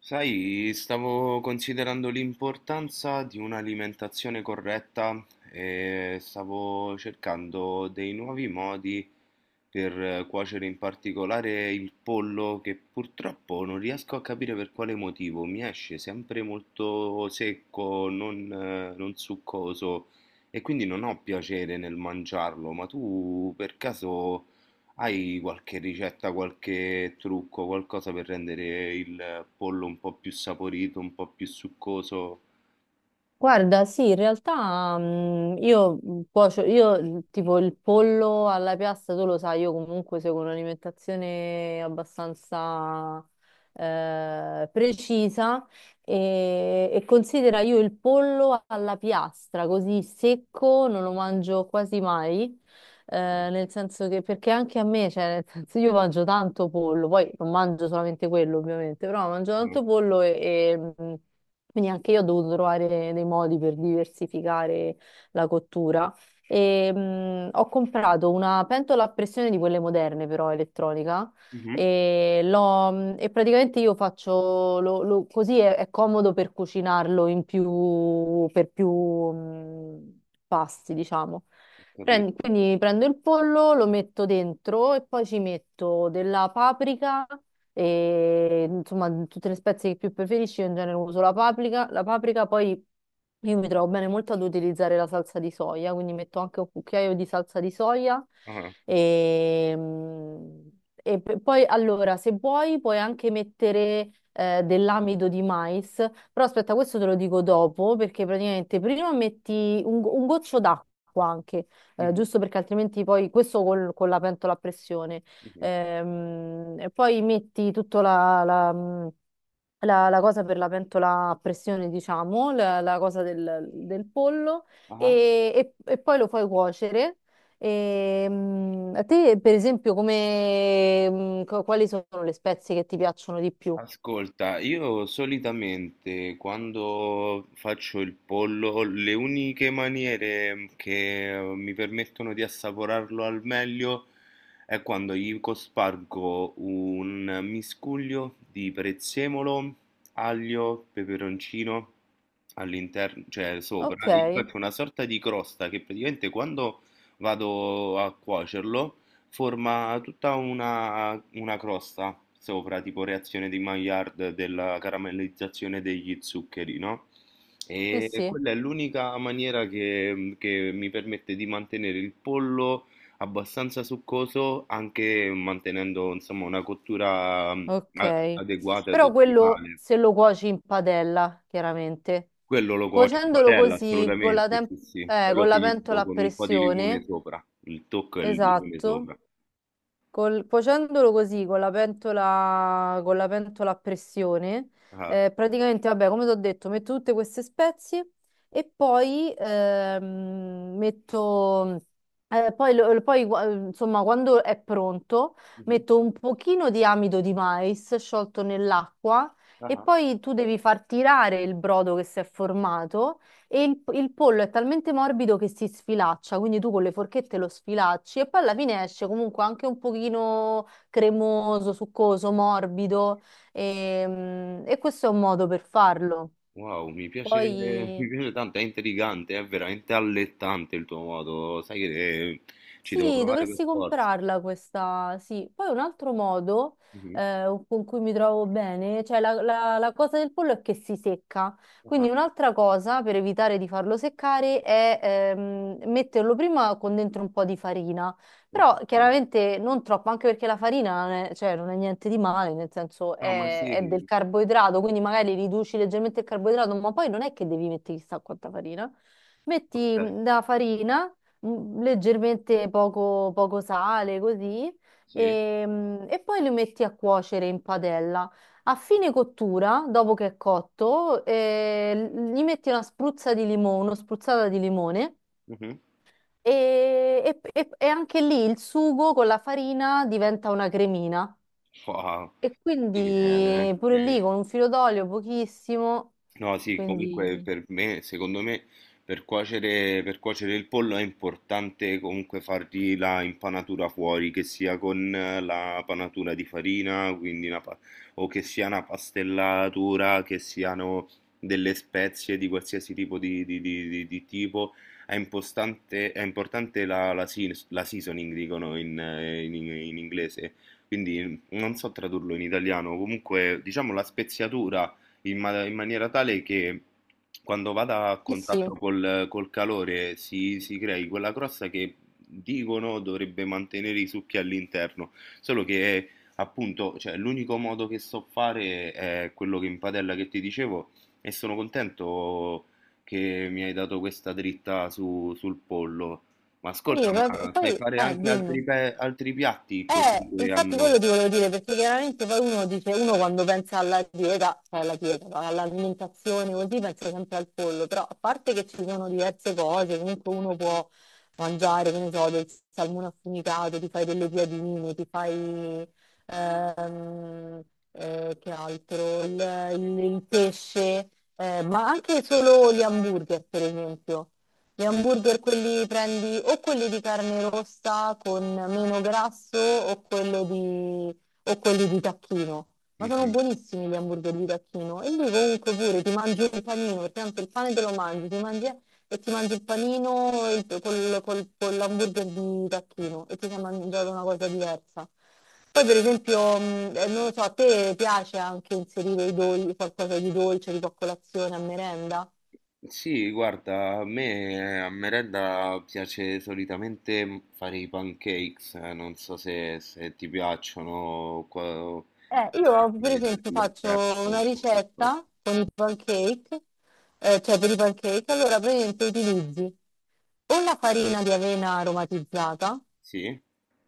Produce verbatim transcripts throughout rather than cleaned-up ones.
Sai, stavo considerando l'importanza di un'alimentazione corretta e stavo cercando dei nuovi modi per eh, cuocere in particolare il pollo che purtroppo non riesco a capire per quale motivo mi esce sempre molto secco, non, eh, non succoso e quindi non ho piacere nel mangiarlo, ma tu per caso... Hai qualche ricetta, qualche trucco, qualcosa per rendere il pollo un po' più saporito, un po' più succoso? Guarda, sì, in realtà mm, io mm, cuocio, io il- tipo il pollo alla piastra, tu lo sai, io comunque seguo un'alimentazione abbastanza eh, precisa e, e considera, io il pollo alla piastra, così secco, non lo mangio quasi mai, eh, Ok. nel senso che, perché anche a me, cioè, nel senso, io mangio tanto pollo, poi non mangio solamente quello ovviamente, però mangio Ah. tanto pollo e... e, mm, quindi anche io ho dovuto trovare dei modi per diversificare la cottura. E, mh, ho comprato una pentola a pressione di quelle moderne, però elettronica. Mhm. E, l'ho- mh, e praticamente io faccio lo- lo- così è, è comodo per cucinarlo in più, per più mh, pasti, diciamo. Ho Prendi- capito. quindi prendo il pollo, lo metto dentro e poi ci metto della paprika e insomma tutte le spezie che più preferisci, io in genere uso la paprika, la paprika. Poi io mi trovo bene molto ad utilizzare la salsa di soia, quindi metto anche un cucchiaio di salsa di soia Ah. e, mm, e p- poi allora, se vuoi puoi anche mettere eh, dell'amido di mais, però aspetta, questo te lo dico dopo, perché praticamente prima metti un, go- un goccio d'acqua anche, eh, Mhm. giusto perché altrimenti poi questo col- con la pentola a pressione. Mhm. Ehm, e poi metti tutta la, la, mh, la- la cosa per la pentola a pressione, diciamo, la, la cosa del, del pollo Ah. e, e- e poi lo fai cuocere. E, mh, a te, per esempio, come, mh, co- quali sono le spezie che ti piacciono di più? Ascolta, io solitamente quando faccio il pollo, le uniche maniere mm, che mm, mi permettono di assaporarlo al meglio è quando gli cospargo un miscuglio di prezzemolo, aglio, peperoncino all'interno, cioè Ok, sopra, e gli faccio una sorta di crosta che praticamente quando vado a cuocerlo forma tutta una, una crosta sopra, tipo reazione di Maillard della caramellizzazione degli zuccheri, no? sì, E sì, quella è l'unica maniera che, che mi permette di mantenere il pollo abbastanza succoso, anche mantenendo, insomma, una cottura mm, a- ok. adeguata ed Però quello ottimale. se lo cuoci in padella, chiaramente. Quello lo cuocio in Cuocendolo padella, così con la, assolutamente, tem- sì, sì. eh, Poi lo con la finisco pentola a con un po' di limone pressione. sopra. Il tocco è il limone Esatto. sopra. Col- cuocendolo così con la pentola, con la pentola a pressione, Ah. eh, praticamente, vabbè, come ti ho detto, metto tutte queste spezie e poi ehm, metto, eh, poi, lo- poi, gua- insomma, quando è pronto, Mhm. metto un pochino di amido di mais sciolto nell'acqua e Ah. poi tu devi far tirare il brodo che si è formato e il, il pollo è talmente morbido che si sfilaccia, quindi tu con le forchette lo sfilacci e poi alla fine esce comunque anche un pochino cremoso, succoso, morbido e, mm, e questo è un modo per farlo. Wow, mi piace, Poi mi piace tanto, è intrigante, è veramente allettante il tuo modo, sai che eh, ci devo sì, provare dovresti per forza. comprarla questa, sì. Poi un altro modo Mhm. eh, con cui mi trovo bene, cioè la, la- la cosa del pollo è che si secca. Ah, Quindi un'altra cosa per evitare di farlo seccare è ehm, metterlo prima con dentro un po' di farina. Però ok. chiaramente non troppo, anche perché la farina non è, cioè, non è niente di male, nel senso No, ma è, è del sì, carboidrato, quindi magari riduci leggermente il carboidrato, ma poi non è che devi mettere chissà quanta farina. ok, Metti mm, la farina mm, leggermente, poco, poco sale, così, sì. e, mm, e poi li metti a cuocere in padella. A fine cottura, dopo che è cotto, eh, gli metti una spruzza di limone, una spruzzata di limone Mhm. e, e- e- e anche lì il sugo con la farina diventa una cremina. Wow, E sì che è quindi pure lì veramente... con un filo d'olio pochissimo, No, sì, comunque quindi... per me, secondo me, per cuocere, per cuocere il pollo è importante comunque fargli la impanatura fuori, che sia con eh, la panatura di farina, quindi una pa- o che sia una pastellatura, che siano delle spezie di qualsiasi tipo di, di- di- di- di tipo. È impostante- è importante la, la seas- la seasoning, dicono in eh, in- in inglese, quindi non so tradurlo in italiano, comunque diciamo la speziatura in, ma- in maniera tale che quando vada a Eh sì, contatto col, col calore si, si crei quella crosta che dicono dovrebbe mantenere i succhi all'interno, solo che appunto, cioè, l'unico modo che so fare è quello che in padella che ti dicevo e sono contento che mi hai dato questa dritta su- sul pollo. Ma ascolta, sì, ma- ma sai poi... fare eh, anche altri, dimmi. pe- altri piatti così Eh, che infatti hanno... quello ti volevo dire, perché chiaramente poi uno dice, uno quando pensa alla dieta, cioè alla dieta, no? All'alimentazione così, pensa sempre al pollo, però a parte che ci sono diverse cose, comunque uno può mangiare, che ne so, del salmone affumicato, ti fai delle piadine, ti fai, ehm, eh, che altro, il, il- il pesce, eh, ma anche solo gli hamburger, per esempio. Gli hamburger, quelli prendi o quelli di carne rossa con meno grasso o, quello di, o quelli di tacchino. Ma sono Mhm. buonissimi gli hamburger di tacchino. E lui comunque, pure ti mangi un panino, perché tanto il pane te lo mangi, ti mangi, e ti mangi il panino e il- col, col, con l'hamburger di tacchino e ti sei mangiato una cosa diversa. Poi, per esempio, mh, eh, non lo so, a te piace anche inserire i dol- qualcosa di dolce, tipo a colazione, a merenda? Sì, guarda, a me eh, a merenda piace solitamente mm, fare i pancakes, eh, non so se, se ti piacciono, o qua- Eh, se io, mi per dai del- esempio, del faccio prep una o qualcosa. ricetta con i pancake, eh, cioè, per i pancake, allora praticamente utilizzi o la farina di avena aromatizzata, Sì?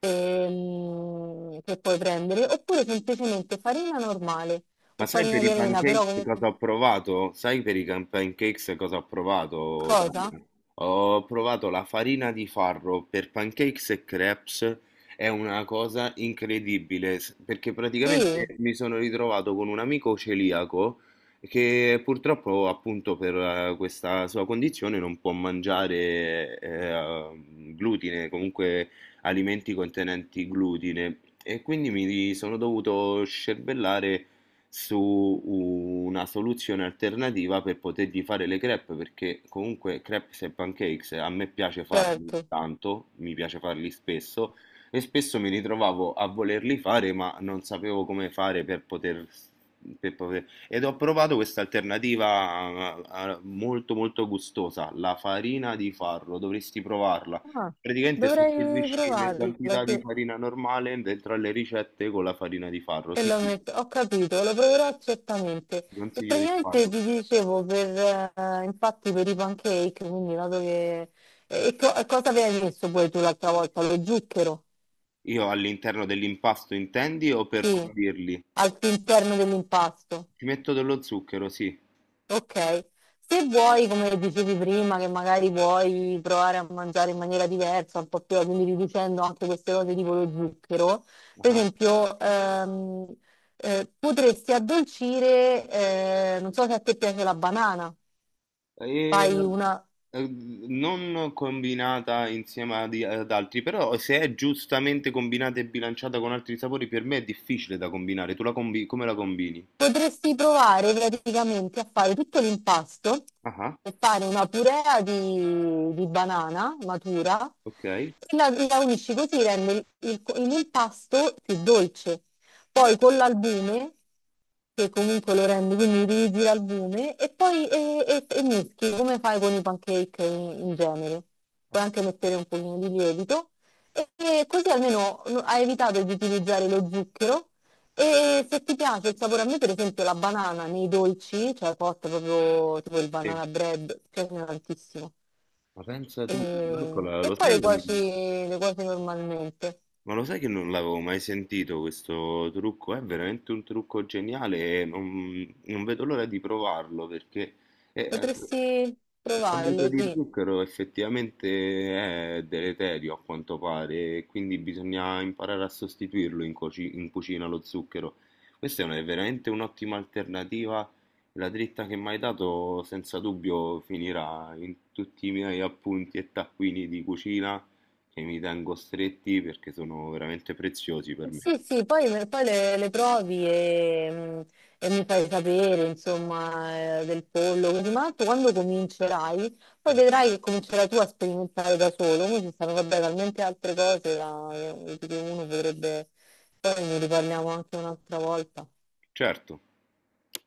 ehm, che puoi prendere, oppure semplicemente farina normale o Ma sai farina per di i avena, pancakes però comunque cosa ho provato? Sai per i can- pancakes cosa ho provato, cosa? Dalia? Ho provato la farina di farro per pancakes e crepes, è una cosa incredibile, s- perché praticamente Sì, mi sono ritrovato con un amico celiaco che purtroppo appunto per eh, questa sua condizione non può mangiare eh, glutine, comunque alimenti contenenti glutine, e quindi mi sono dovuto scervellare su una soluzione alternativa per potergli fare le crepe, perché comunque crepes e pancakes a me piace farli certo. tanto, mi piace farli spesso e spesso mi ritrovavo a volerli fare, ma non sapevo come fare per poter... per poter- Ed ho provato questa alternativa eh, eh, molto molto gustosa, la farina di farro, dovresti provarla. Ah, Praticamente dovrei sostituisci le provarla, quantità di sì. farina normale dentro alle ricette con la farina di farro. E Sì, lo sì. metto, ho capito, lo proverò certamente. Ti E consiglio di praticamente farlo. ti dicevo, per, eh, infatti, per i pancake, quindi dato che... E, co- e cosa avevi messo poi tu l'altra volta? Lo zucchero? Io all'interno dell'impasto intendi o per Sì, condirli? all'interno dell'impasto. Ci metto dello zucchero, sì. Ok, se vuoi, come dicevi prima, che magari puoi provare a mangiare in maniera diversa, un po' più, quindi riducendo anche queste cose tipo lo zucchero, per Ah. esempio, ehm, eh, potresti addolcire, eh, non so se a te piace la banana, E, fai una... eh, non combinata insieme ad, ad altri, però se è giustamente combinata e bilanciata con altri sapori, per me è difficile da combinare. Tu la combi- come la combini? Potresti provare praticamente a fare tutto l'impasto Ah, e fare una purea di, di banana matura ok. e la, la unisci, così rende il- il- l'impasto più dolce. Poi con l'albume, che comunque lo rende, quindi utilizzi l'albume e poi e, e- e mischi come fai con i pancake in, in genere. Puoi Ok. anche mettere un pochino di lievito e, e così almeno no- hai evitato di utilizzare lo zucchero e se ti piace il sapore, a me per esempio la banana nei dolci, cioè costa proprio tipo il Sì. banana bread, mi piace tantissimo. Ma pensa, E, tipo, eccola, e lo poi sai? le cuoci, le cuoci normalmente. Ma lo sai che non l'avevo mai sentito questo trucco? È veramente un trucco geniale e non, non vedo l'ora di provarlo perché eh, Potresti l'abito provarlo, di sì. zucchero effettivamente è deleterio a quanto pare, e quindi bisogna imparare a sostituirlo in, cuoci- in cucina lo zucchero. Questa è una- è veramente un'ottima alternativa. La dritta che mi hai dato senza dubbio finirà in tutti i miei appunti e taccuini di cucina che mi tengo stretti perché sono veramente preziosi per Eh, me. sì, sì, poi, poi le, le provi e, mm, e mi fai sapere, insomma, eh, del pollo, così, ma tanto quando comincerai, poi vedrai che comincerai tu a sperimentare da solo, come ci stanno, vabbè, talmente altre cose da, che uno potrebbe, poi ne riparliamo anche un'altra volta. Certo.